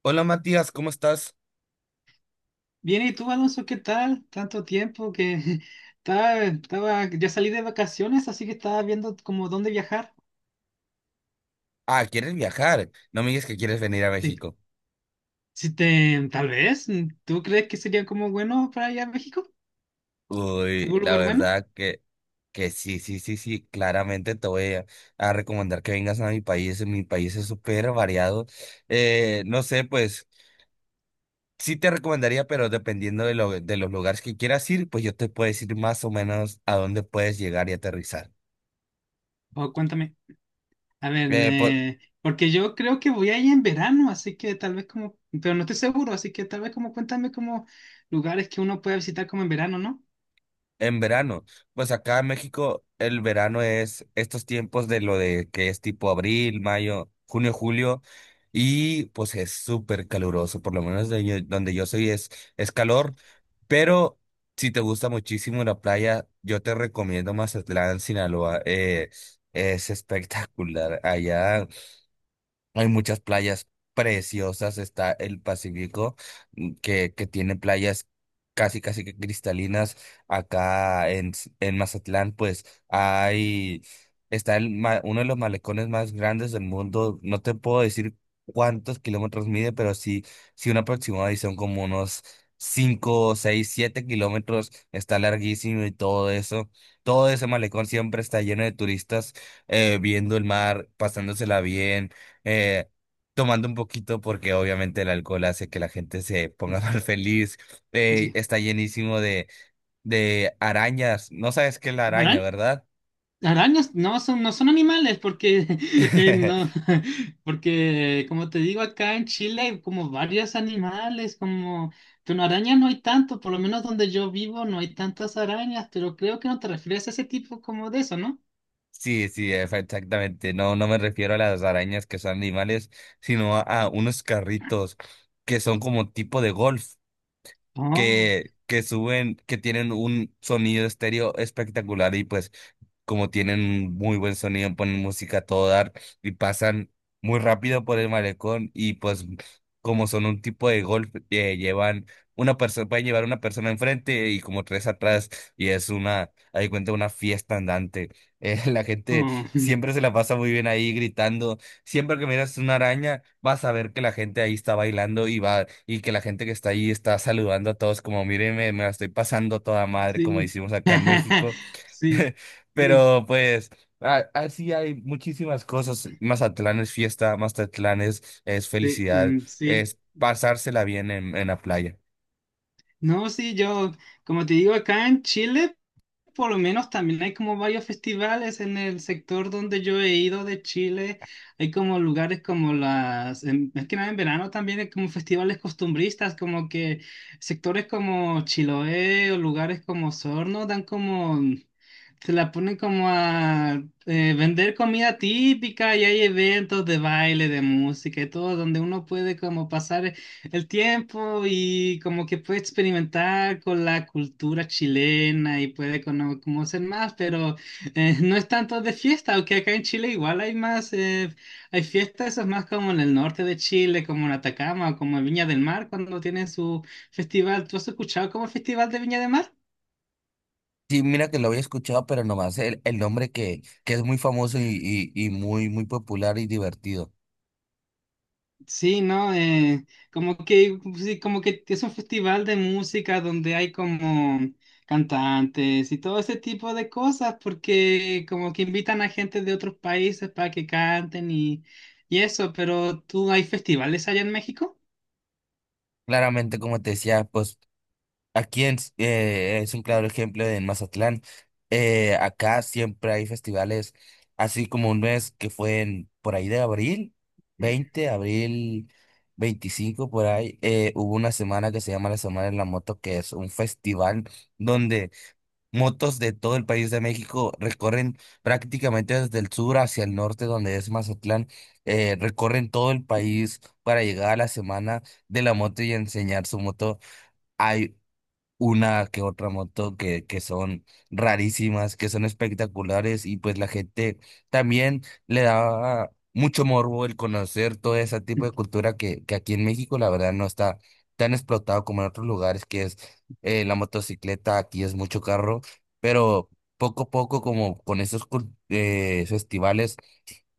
Hola Matías, ¿cómo estás? Bien, ¿y tú, Alonso, qué tal? Tanto tiempo. Que Estaba, ya salí de vacaciones, así que estaba viendo como dónde viajar. Ah, ¿quieres viajar? No me digas que quieres venir a Sí. México. Si te, tal vez, ¿tú crees que sería como bueno para allá a México? Uy, ¿Algún la lugar bueno? verdad que sí, sí, sí, sí, claramente te voy a recomendar que vengas a mi país. Mi país es súper variado. No sé, pues sí te recomendaría, pero dependiendo de, lo, de los lugares que quieras ir, pues yo te puedo decir más o menos a dónde puedes llegar y aterrizar. O cuéntame. A ver, Eh, po- porque yo creo que voy ahí en verano, así que tal vez como, pero no estoy seguro, así que tal vez como cuéntame como lugares que uno puede visitar como en verano, ¿no? En verano, pues acá en Sí, México el verano es estos tiempos de lo de que es tipo abril, mayo, junio, julio y pues es súper caluroso, por lo menos de donde yo soy es calor, pero si te gusta muchísimo la playa, yo te recomiendo Mazatlán, Sinaloa. Es espectacular allá, hay muchas playas preciosas, está el Pacífico, que tiene playas casi, casi que cristalinas. En Mazatlán, pues hay, está uno de los malecones más grandes del mundo. No te puedo decir cuántos kilómetros mide, pero sí, sí un aproximado y son como unos 5, 6, 7 km. Está larguísimo y todo eso. Todo ese malecón siempre está lleno de turistas, viendo el mar, pasándosela bien, eh, tomando un poquito porque obviamente el alcohol hace que la gente se ponga más feliz. Sí. Está llenísimo de arañas. No sabes qué es la araña, ¿verdad? Arañas no son animales porque no, porque como te digo acá en Chile hay como varios animales, como, pero arañas no hay tanto, por lo menos donde yo vivo no hay tantas arañas, pero creo que no te refieres a ese tipo como de eso, ¿no? Sí, sí, exactamente. No, no me refiero a las arañas que son animales, sino a unos carritos que son como tipo de golf, Oh, que suben, que tienen un sonido estéreo espectacular y pues como tienen muy buen sonido, ponen música a todo dar y pasan muy rápido por el malecón y pues como son un tipo de golf, llevan una persona, pueden llevar una persona enfrente y como tres atrás y es una, ahí cuenta, una fiesta andante. La gente oh, siempre se la pasa muy bien ahí gritando. Siempre que miras una araña, vas a ver que la gente ahí está bailando y va, y que la gente que está ahí está saludando a todos como, mírenme, me la estoy pasando a toda madre, como sí, decimos acá en México. sí, sí, Pero pues, a- así hay muchísimas cosas. Mazatlán es fiesta, Mazatlán es sí, felicidad, mm, sí. es pasársela bien en la playa. No, sí, yo, como te digo, acá en Chile. Por lo menos también hay como varios festivales en el sector donde yo he ido de Chile. Hay como lugares como las, en- es que nada, en verano también hay como festivales costumbristas, como que sectores como Chiloé o lugares como Sorno dan como, se la ponen como a vender comida típica y hay eventos de baile, de música y todo, donde uno puede como pasar el tiempo y como que puede experimentar con la cultura chilena y puede cono- conocer más, pero no es tanto de fiesta, aunque acá en Chile igual hay más, hay fiestas, eso es más como en el norte de Chile, como en Atacama o como en Viña del Mar, cuando tienen su festival. ¿Tú has escuchado como el Festival de Viña del Mar? Sí, mira que lo había escuchado, pero nomás el nombre que es muy famoso y muy, muy popular y divertido. Sí, ¿no? Como que, sí, como que es un festival de música donde hay como cantantes y todo ese tipo de cosas, porque como que invitan a gente de otros países para que canten y eso, pero ¿tú hay festivales allá en México? Claramente, como te decía, pues aquí es un claro ejemplo en Mazatlán. Acá siempre hay festivales, así como un mes que fue en, por ahí de abril, 20 abril 25 por ahí, hubo una semana que se llama la Semana de la Moto, que es un festival donde motos de todo el país de México recorren prácticamente desde el sur hacia el norte, donde es Mazatlán, recorren todo el país para llegar a la Semana de la Moto y enseñar su moto, una que otra moto que son rarísimas, que son espectaculares y pues la gente también le daba mucho morbo el conocer todo ese tipo de cultura que aquí en México la verdad no está tan explotado como en otros lugares, que es la motocicleta, aquí es mucho carro, pero poco a poco como con esos festivales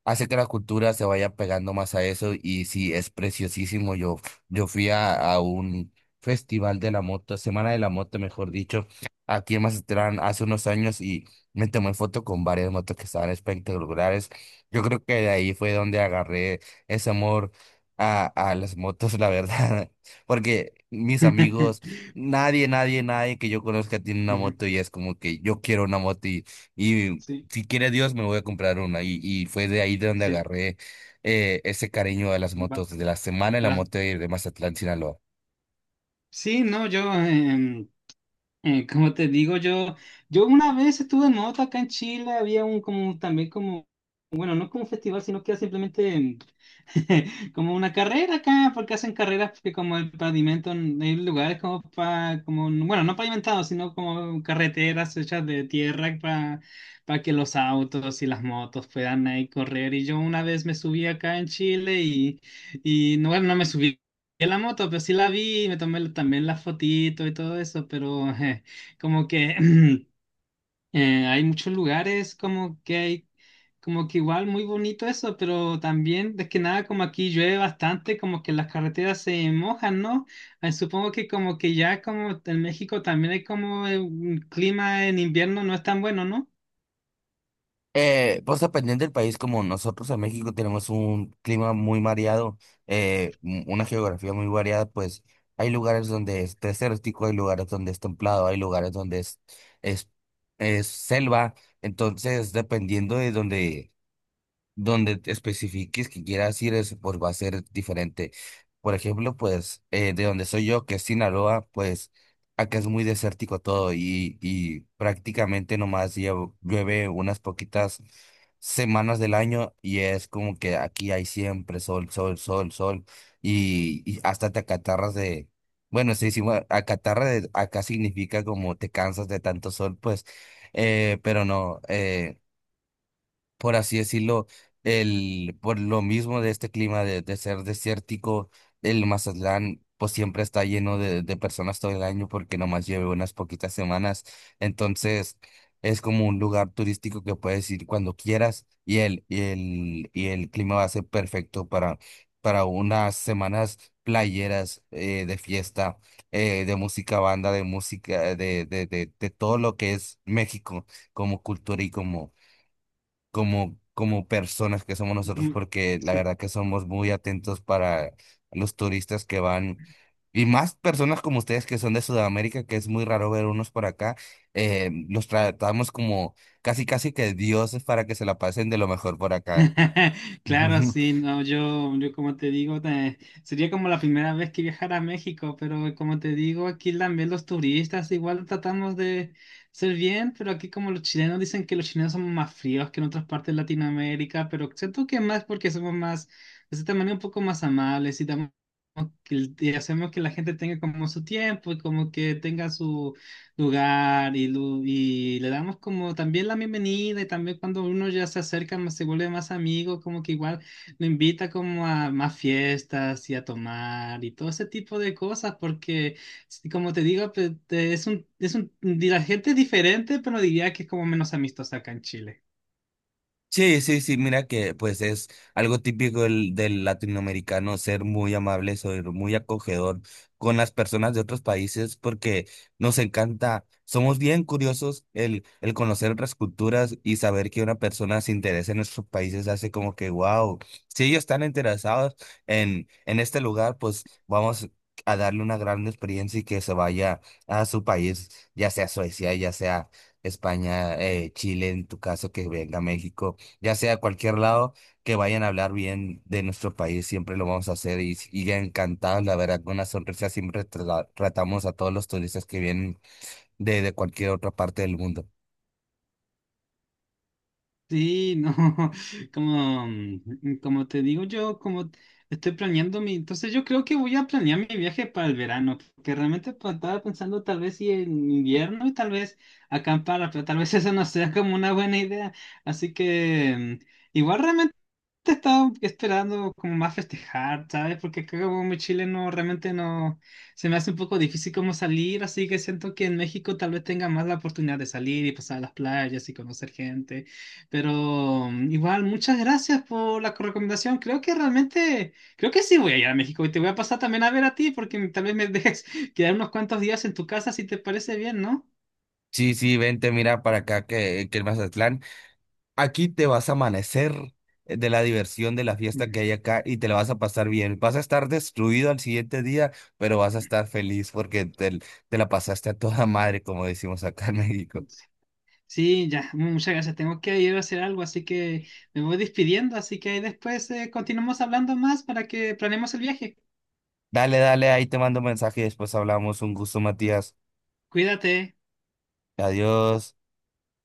hace que la cultura se vaya pegando más a eso y sí, es preciosísimo. Yo fui a un festival de la moto, Semana de la Moto, mejor dicho, aquí en Mazatlán hace unos años y me tomé foto con varias motos que estaban espectaculares. Yo creo que de ahí fue donde agarré ese amor a, a las motos, la verdad, porque mis amigos, nadie, nadie, nadie que yo conozca tiene una Ujú. moto y es como que yo quiero una moto y Sí, si quiere Dios, me voy a comprar una. Y fue de ahí de donde sí. agarré ese cariño a las va- motos de la semana y a la la- moto de Mazatlán, Sinaloa. Sí, no, yo, como te digo, yo una vez estuve en moto acá en Chile, había un como también como no es como un festival, sino que es simplemente como una carrera acá, porque hacen carreras porque como el pavimento, hay lugares como para, como, bueno, no pavimentados, sino como carreteras hechas de tierra para que los autos y las motos puedan ahí correr. Y yo una vez me subí acá en Chile y no, bueno, no me subí. En la moto, pero sí la vi, me tomé también la fotito y todo eso, pero como que hay muchos lugares como que hay, como que igual muy bonito eso, pero también, es que nada, como aquí llueve bastante, como que las carreteras se mojan, ¿no? Supongo que como que ya como en México también hay como un clima en invierno no es tan bueno, ¿no? Pues dependiendo del país, como nosotros en México tenemos un clima muy variado, una geografía muy variada, pues hay lugares donde es desértico, hay lugares donde es templado, hay lugares donde es, es selva. Entonces, dependiendo de donde donde te especifiques que quieras ir, es, pues va a ser diferente. Por ejemplo, pues de donde soy yo, que es Sinaloa, pues acá es muy desértico todo y prácticamente nomás llueve unas poquitas semanas del año y es como que aquí hay siempre sol, sol, sol, sol y hasta te acatarras de... Bueno, sí, sí, bueno, acá significa como te cansas de tanto sol, pues, pero no. Por así decirlo, el, por lo mismo de este clima de ser desértico, el Mazatlán pues siempre está lleno de personas todo el año porque nomás lleve unas poquitas semanas. Entonces es como un lugar turístico que puedes ir cuando quieras y y el clima va a ser perfecto para unas semanas playeras, de fiesta, de música, banda, de música, de todo lo que es México como cultura y como como, como personas que somos nosotros, Como- porque la sí. verdad que somos muy atentos para los turistas que van, y más personas como ustedes que son de Sudamérica, que es muy raro ver unos por acá, los tratamos como casi, casi que dioses para que se la pasen de lo mejor por acá. Claro, sí, no, yo como te digo, te- sería como la primera vez que viajara a México, pero como te digo, aquí también los turistas igual tratamos de ser bien, pero aquí como los chilenos dicen que los chilenos somos más fríos que en otras partes de Latinoamérica, pero siento que más porque somos más, de cierta manera, un poco más amables y damos- y hacemos que la gente tenga como su tiempo y como que tenga su lugar y, lu- y le damos como también la bienvenida y también cuando uno ya se acerca, más- se vuelve más amigo, como que igual lo invita como a más fiestas y a tomar y todo ese tipo de cosas porque, sí, como te digo, pues, te- es un, la gente es diferente, pero diría que es como menos amistosa acá en Chile. Sí, sí, sí, mira que pues es algo típico del latinoamericano, ser muy amable, ser muy acogedor con las personas de otros países porque nos encanta, somos bien curiosos el conocer otras culturas y saber que una persona se interesa en nuestros países hace como que, wow, si ellos están interesados en este lugar, pues vamos a darle una gran experiencia y que se vaya a su país, ya sea Suecia, ya sea España, Chile, en tu caso, que venga a México, ya sea a cualquier lado, que vayan a hablar bien de nuestro país, siempre lo vamos a hacer y ya encantados, la verdad, con una sonrisa siempre tratamos a todos los turistas que vienen de cualquier otra parte del mundo. Sí, no, como, mm, como te digo yo, como estoy planeando mi, entonces yo creo que voy a planear mi viaje para el verano, porque realmente pues, estaba pensando tal vez si en invierno y tal vez acampar, pero tal vez esa no sea como una buena idea, así que mm, igual realmente te estaba esperando como más festejar, ¿sabes? Porque acá como muy chileno realmente no, se me hace un poco difícil como salir, así que siento que en México tal vez tenga más la oportunidad de salir y pasar a las playas y conocer gente, pero mm, igual muchas gracias por la recomendación, creo que realmente, creo que sí voy a ir a México y te voy a pasar también a ver a ti porque tal vez me dejes quedar unos cuantos días en tu casa si te parece bien, ¿no? Sí, sí, vente, mira para acá que el Mazatlán, aquí te vas a amanecer de la diversión de la fiesta que hay acá y te la vas a pasar bien. Vas a estar destruido al siguiente día, pero vas a estar feliz porque te la pasaste a toda madre, como decimos acá en México. Mm. Sí, ya, muchas gracias. Tengo que ir a hacer algo, así que me voy despidiendo. Así que ahí después continuamos hablando más para que planeemos el viaje. Dale, dale, ahí te mando mensaje y después hablamos. Un gusto, Matías. Cuídate. Adiós.